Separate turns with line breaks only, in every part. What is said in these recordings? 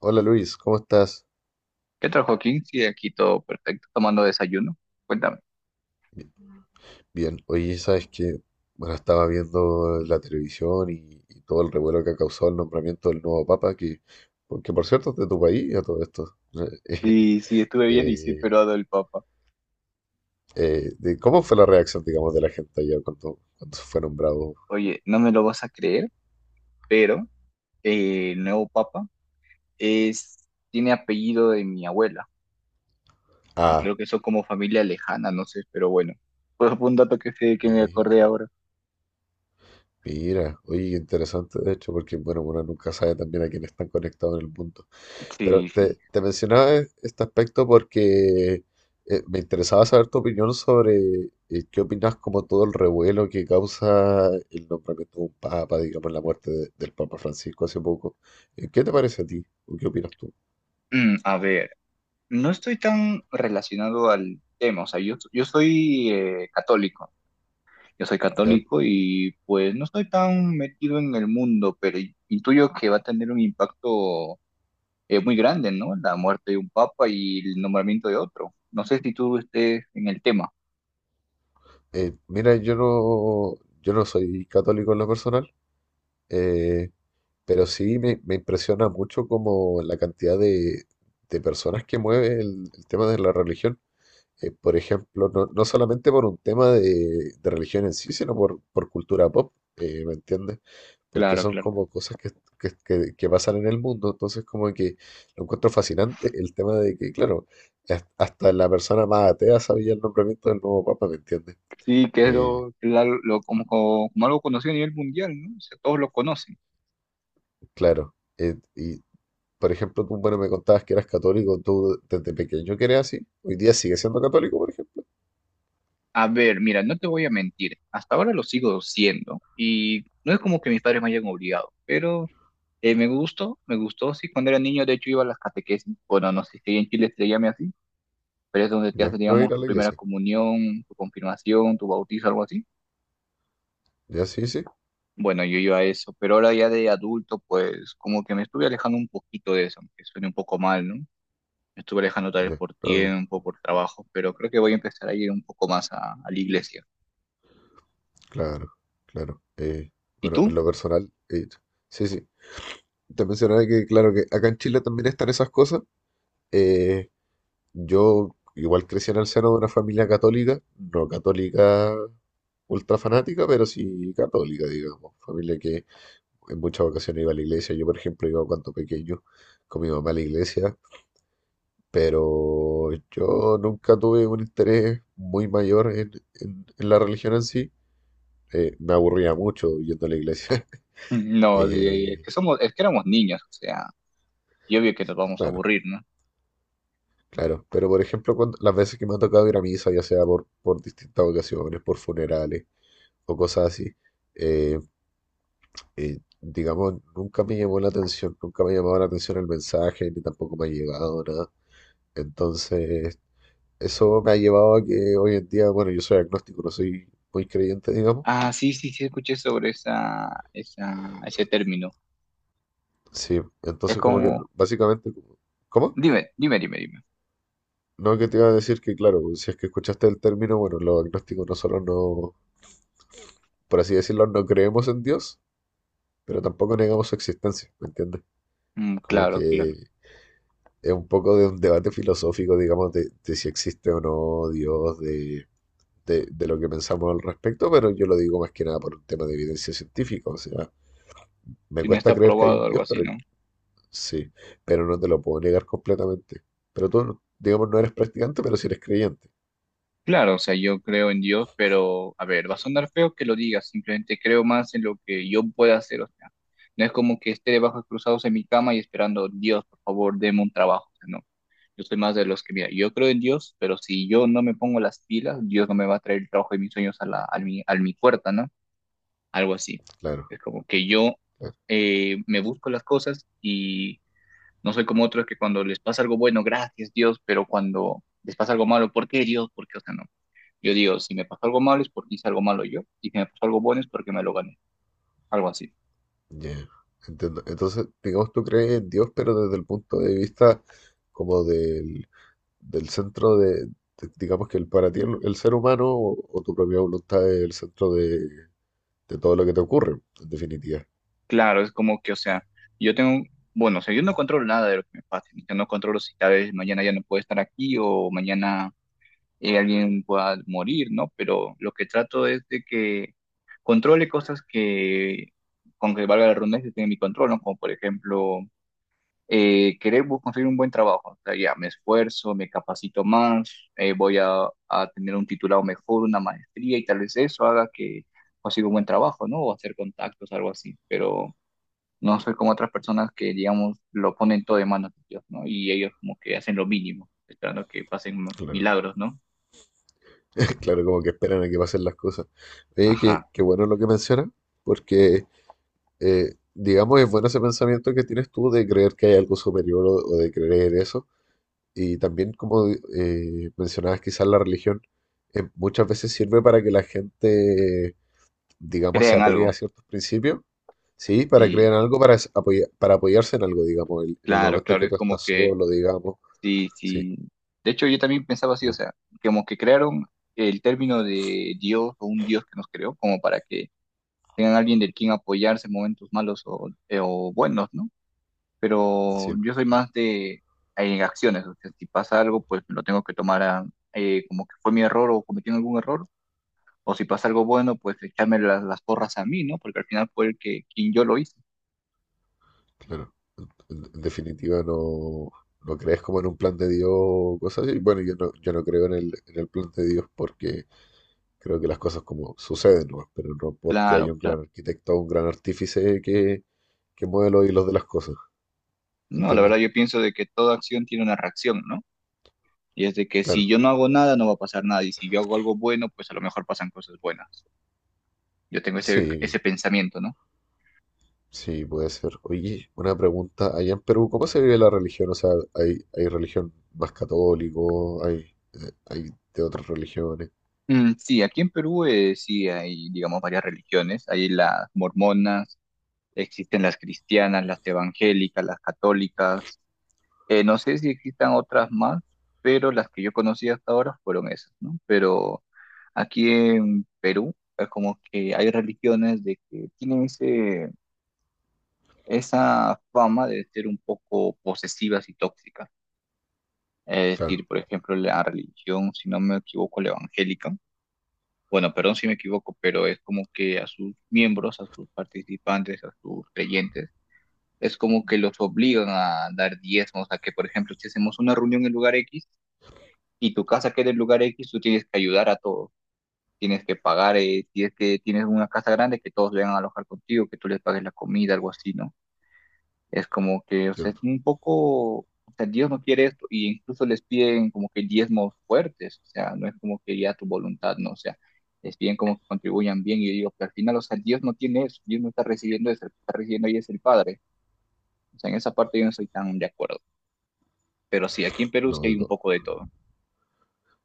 Hola Luis, ¿cómo estás?
¿Qué tal, Joaquín? Sí, aquí todo perfecto, tomando desayuno. Cuéntame.
Bi- Bien, oye, sabes que, bueno, estaba viendo la televisión y todo el revuelo que ha causado el nombramiento del nuevo Papa, que, porque por cierto es de tu país a todo esto.
Sí, sí, estuve
Eh,
bien y sí,
eh,
pero el Papa.
¿Cómo fue la reacción, digamos, de la gente allá cuando fue nombrado?
Oye, no me lo vas a creer, pero el nuevo papa es, tiene apellido de mi abuela y
Ah,
creo que son como familia lejana, no sé, pero bueno. Pues fue un dato que, sé que me acordé
mira,
ahora.
mira, oye, interesante de hecho, porque, bueno, uno nunca sabe también a quién están conectados en el mundo. Pero
Sí,
te,
sí.
te mencionaba este aspecto porque me interesaba saber tu opinión sobre qué opinas como todo el revuelo que causa el nombramiento de un papa, digamos, la muerte del Papa Francisco hace poco. ¿Qué te parece a ti? ¿O qué opinas tú?
Mm, a ver, no estoy tan relacionado al tema, o sea, yo soy católico. Yo soy
¿Ya?
católico y pues no estoy tan metido en el mundo, pero intuyo que va a tener un impacto muy grande, ¿no? La muerte de un papa y el nombramiento de otro. No sé si tú estés en el tema.
Mira, yo no soy católico en lo personal, eh, pero sí me impresiona mucho como la cantidad de personas que mueve el tema de la religión. Por ejemplo, no solamente por un tema de religión en sí, sino por cultura pop, ¿me entiendes? Porque
Claro,
son
claro.
como cosas que pasan en el mundo, entonces como que lo encuentro fascinante el tema de que, claro, hasta la persona más atea sabía el nombramiento del nuevo papa, ¿me entiendes?
Sí, que es
Eh,
lo, como, como algo conocido a nivel mundial, ¿no? O sea, todos lo conocen.
claro, y por ejemplo, tú, bueno, me contabas que eras católico, tú desde pequeño que eras así, hoy día sigues siendo católico, por ejemplo,
A ver, mira, no te voy a mentir. Hasta ahora lo sigo siendo y no es como que mis padres me hayan obligado, pero me gustó, me gustó. Sí, cuando era niño, de hecho, iba a las catequesis. Bueno, no sé si en Chile se llame así, pero es donde te
ya,
haces,
no ir
digamos,
a
tu
la
primera
iglesia,
comunión, tu confirmación, tu bautizo, algo así.
ya, sí, sí,
Bueno, yo iba a eso, pero ahora ya de adulto, pues como que me estuve alejando un poquito de eso, aunque suene un poco mal, ¿no? Me estuve alejando tal vez
ya,
por
no.
tiempo, por trabajo, pero creo que voy a empezar a ir un poco más a la iglesia.
Claro, claro.
¿Y
Bueno,
tú?
en lo personal, sí, sí. Te mencionaba que, claro, que acá en Chile también están esas cosas. Eh, yo igual crecí en el seno de una familia católica, no católica ultra fanática, pero sí católica, digamos. Familia que en muchas ocasiones iba a la iglesia. Yo, por ejemplo, iba cuando pequeño con mi mamá a la iglesia, pero yo nunca tuve un interés muy mayor en la religión en sí. Me aburría mucho yendo a la iglesia.
No, es
Eh,
que somos, es que éramos niños, o sea, y obvio que nos vamos a
claro,
aburrir, ¿no?
claro. Pero por ejemplo, las veces que me ha tocado ir a misa, ya sea por distintas ocasiones, por funerales o cosas así, eh, digamos, nunca me llamó la atención, nunca me llamaba la atención el mensaje, ni tampoco me ha llegado nada. Entonces, eso me ha llevado a que hoy en día, bueno, yo soy agnóstico, no soy muy creyente, digamos.
Ah, sí, sí, sí, escuché sobre esa, esa, ese término.
Sí,
Es
entonces como que
como,
básicamente, como, ¿cómo?
dime, dime, dime, dime.
No, que te iba a decir que claro, si es que escuchaste el término, bueno, los agnósticos nosotros, por así decirlo, no creemos en Dios, pero tampoco negamos su existencia, ¿me entiendes?
Mm,
Como
claro, claro.
que es un poco de un debate filosófico, digamos, de si existe o no Dios, de lo que pensamos al respecto, pero yo lo digo más que nada por un tema de evidencia científica, o sea, me
Tiene, está
cuesta creer que hay
aprobado, o
un
algo
Dios,
así,
pero
¿no?
sí, pero no te lo puedo negar completamente. Pero tú, digamos, no eres practicante, pero sí eres creyente,
Claro, o sea, yo creo en Dios, pero a ver, va a sonar feo que lo digas, simplemente creo más en lo que yo pueda hacer, o sea, no es como que esté de brazos cruzados en mi cama y esperando, Dios, por favor, deme un trabajo, o sea, no, yo soy más de los que, mira, yo creo en Dios, pero si yo no me pongo las pilas, Dios no me va a traer el trabajo de mis sueños a la, a mi puerta, ¿no? Algo así.
claro,
Es como que yo
claro,
me busco las cosas y no soy como otros que cuando les pasa algo bueno, gracias Dios, pero cuando les pasa algo malo, ¿por qué Dios? ¿Por qué? O sea, no. Yo digo, si me pasó algo malo es porque hice algo malo yo, y si me pasó algo bueno es porque me lo gané, algo así.
ya, entiendo. Entonces, digamos, tú crees en Dios, pero desde el punto de vista como del del centro de, digamos que el, para ti el ser humano o tu propia voluntad es el centro de todo lo que te ocurre, en definitiva.
Claro, es como que, o sea, yo tengo, bueno, o sea, yo no controlo nada de lo que me pase, o sea, no controlo si tal vez mañana ya no puedo estar aquí o mañana alguien pueda morir, ¿no? Pero lo que trato es de que controle cosas que, con que valga la redundancia, estén en mi control, ¿no? Como por ejemplo querer conseguir un buen trabajo. O sea, ya me esfuerzo, me capacito más, voy a tener un titulado mejor, una maestría y tal vez eso haga que consiga un buen trabajo, ¿no? O hacer contactos, algo así. Pero no soy como otras personas que, digamos, lo ponen todo de manos de Dios, ¿no? Y ellos como que hacen lo mínimo, esperando que pasen
Claro,
milagros, ¿no?
claro, como que esperan a que pasen las cosas. Oye, qué,
Ajá,
qué bueno lo que mencionas, porque digamos es bueno ese pensamiento que tienes tú de creer que hay algo superior o de creer eso. Y también como mencionabas quizás la religión, muchas veces sirve para que la gente digamos, se
crean
apegue
algo.
a ciertos principios, ¿sí? Para crear
Sí,
algo, para, para apoyarse en algo, digamos, en el
claro,
momento en
claro,
que
es
tú
como
estás
que
solo, digamos,
sí,
sí,
sí. De hecho, yo también pensaba así, o
como que-
sea, como que crearon el término de Dios o un Dios que nos creó, como para que tengan alguien del quien apoyarse en momentos malos o buenos, ¿no? Pero
sí,
yo soy más de en acciones, o sea, si pasa algo, pues lo tengo que tomar como que fue mi error o cometí algún error, o si pasa algo bueno, pues echarme las porras a mí, ¿no? Porque al final fue el que quien yo lo hice.
claro. En, definitiva, no, no crees como en un plan de Dios o cosas así. Bueno, yo no creo en el plan de Dios porque creo que las cosas como suceden, ¿no? Pero no porque hay
Claro,
un gran
claro.
arquitecto o un gran artífice que mueve los hilos de las cosas,
No, la
¿entiendes?
verdad yo pienso de que toda acción tiene una reacción, ¿no? Y es de que si
Claro,
yo no hago nada, no va a pasar nada. Y si yo hago algo bueno, pues a lo mejor pasan cosas buenas. Yo tengo ese,
sí.
ese pensamiento, ¿no?
Sí, puede ser. Oye, una pregunta. Allá en Perú, ¿cómo se vive la religión? O sea, ¿hay, hay religión más católico? ¿Hay, hay de otras religiones?
Mm, sí, aquí en Perú sí hay, digamos, varias religiones. Hay las mormonas, existen las cristianas, las evangélicas, las católicas. No sé si existan otras más, pero las que yo conocí hasta ahora fueron esas, ¿no? Pero aquí en Perú es como que hay religiones de que tienen ese, esa fama de ser un poco posesivas y tóxicas. Es decir,
Claro,
por ejemplo, la religión, si no me equivoco, la evangélica, bueno, perdón si me equivoco, pero es como que a sus miembros, a sus participantes, a sus creyentes, es como que los obligan a dar diezmos, a que, por ejemplo, si hacemos una reunión en lugar X y tu casa queda en lugar X, tú tienes que ayudar a todos. Tienes que pagar, si es que tienes una casa grande, que todos vengan a alojar contigo, que tú les pagues la comida, algo así, ¿no? Es como que, o sea,
entiendo.
es un poco, o sea, Dios no quiere esto, y incluso les piden como que diezmos fuertes, o sea, no es como que ya tu voluntad, no, o sea, les piden como que contribuyan bien, y yo digo, pero al final, o sea, Dios no tiene eso, Dios no está recibiendo eso, el que está recibiendo ahí es el Padre, o sea, en esa parte yo no estoy tan de acuerdo, pero sí, aquí en Perú sí
No,
hay
de
un
to-
poco de todo.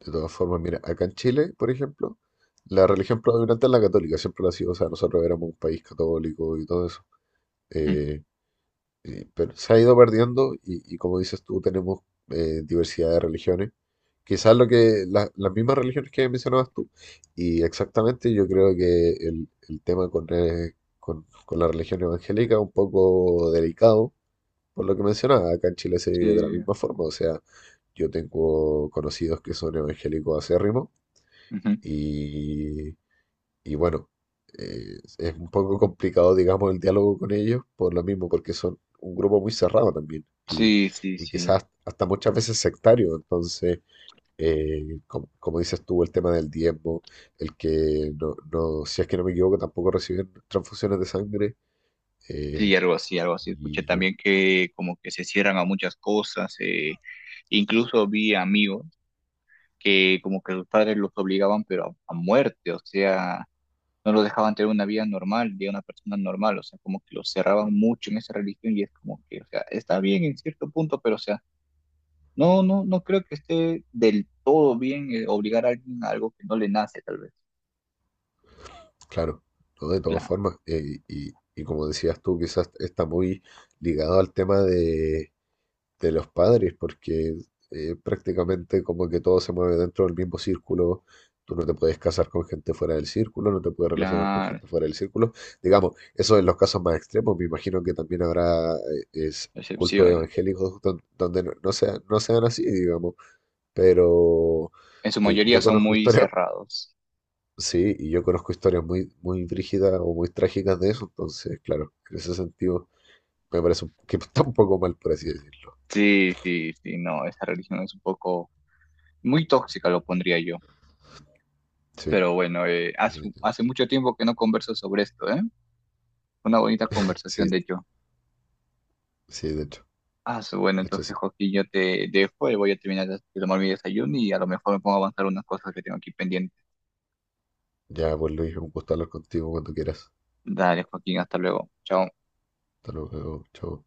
De todas formas, mira, acá en Chile, por ejemplo, la religión predominante es la católica, siempre lo ha sido. O sea, nosotros éramos un país católico y todo eso.
Ujú.
Eh, Sí, pero se ha ido perdiendo y, como dices tú, tenemos diversidad de religiones. Quizás lo que las mismas religiones que mencionabas tú. Y exactamente yo creo que el tema con la religión evangélica es un poco delicado, por lo que mencionaba. Acá en Chile se vive de la
Sí,
misma forma. O sea, yo tengo conocidos que son evangélicos acérrimos
ujú.
y, y bueno, es un poco complicado, digamos, el diálogo con ellos por lo mismo, porque son un grupo muy cerrado también
Sí, sí,
y
sí,
quizás hasta muchas veces sectario. Entonces, como dices tú, el tema del diezmo, el que si es que no me equivoco, tampoco reciben transfusiones de sangre. eh,
sí, algo así, escuché
y
también que como que se cierran a muchas cosas, eh. Incluso vi amigos que como que sus padres los obligaban, pero a muerte, o sea, no los dejaban tener una vida normal, de una persona normal, o sea, como que los cerraban mucho en esa religión y es como que, o sea, está bien en cierto punto, pero o sea, no, no, no creo que esté del todo bien obligar a alguien a algo que no le nace, tal vez.
claro, ¿no? De todas
Claro,
formas, y como decías tú, quizás está muy ligado al tema de los padres, porque prácticamente como que todo se mueve dentro del mismo círculo. Tú no te puedes casar con gente fuera del círculo, no te puedes relacionar con
claro,
gente fuera del círculo. Digamos, eso en los casos más extremos. Me imagino que también habrá cultos
excepciones.
evangélicos donde, no sean así, digamos. Pero
En su mayoría
yo
son
conozco
muy
historias,
cerrados.
sí, y yo conozco historias muy, muy brígidas o muy trágicas de eso. Entonces, claro, en ese sentido me parece que está un poco mal, por así decirlo.
Sí, sí, sí, no, esa religión es un poco muy tóxica, lo pondría yo.
Sí,
Pero bueno, hace, hace
definitivamente.
mucho tiempo que no converso sobre esto, ¿eh? Una bonita conversación, de
Sí,
hecho.
sí,
Ah, bueno,
de hecho
entonces,
sí.
Joaquín, yo te dejo y voy a terminar de tomar mi desayuno y a lo mejor me pongo a avanzar unas cosas que tengo aquí pendientes.
Ya, pues Luis, un gusto hablar contigo cuando quieras.
Dale, Joaquín, hasta luego. Chao.
Hasta luego, chao.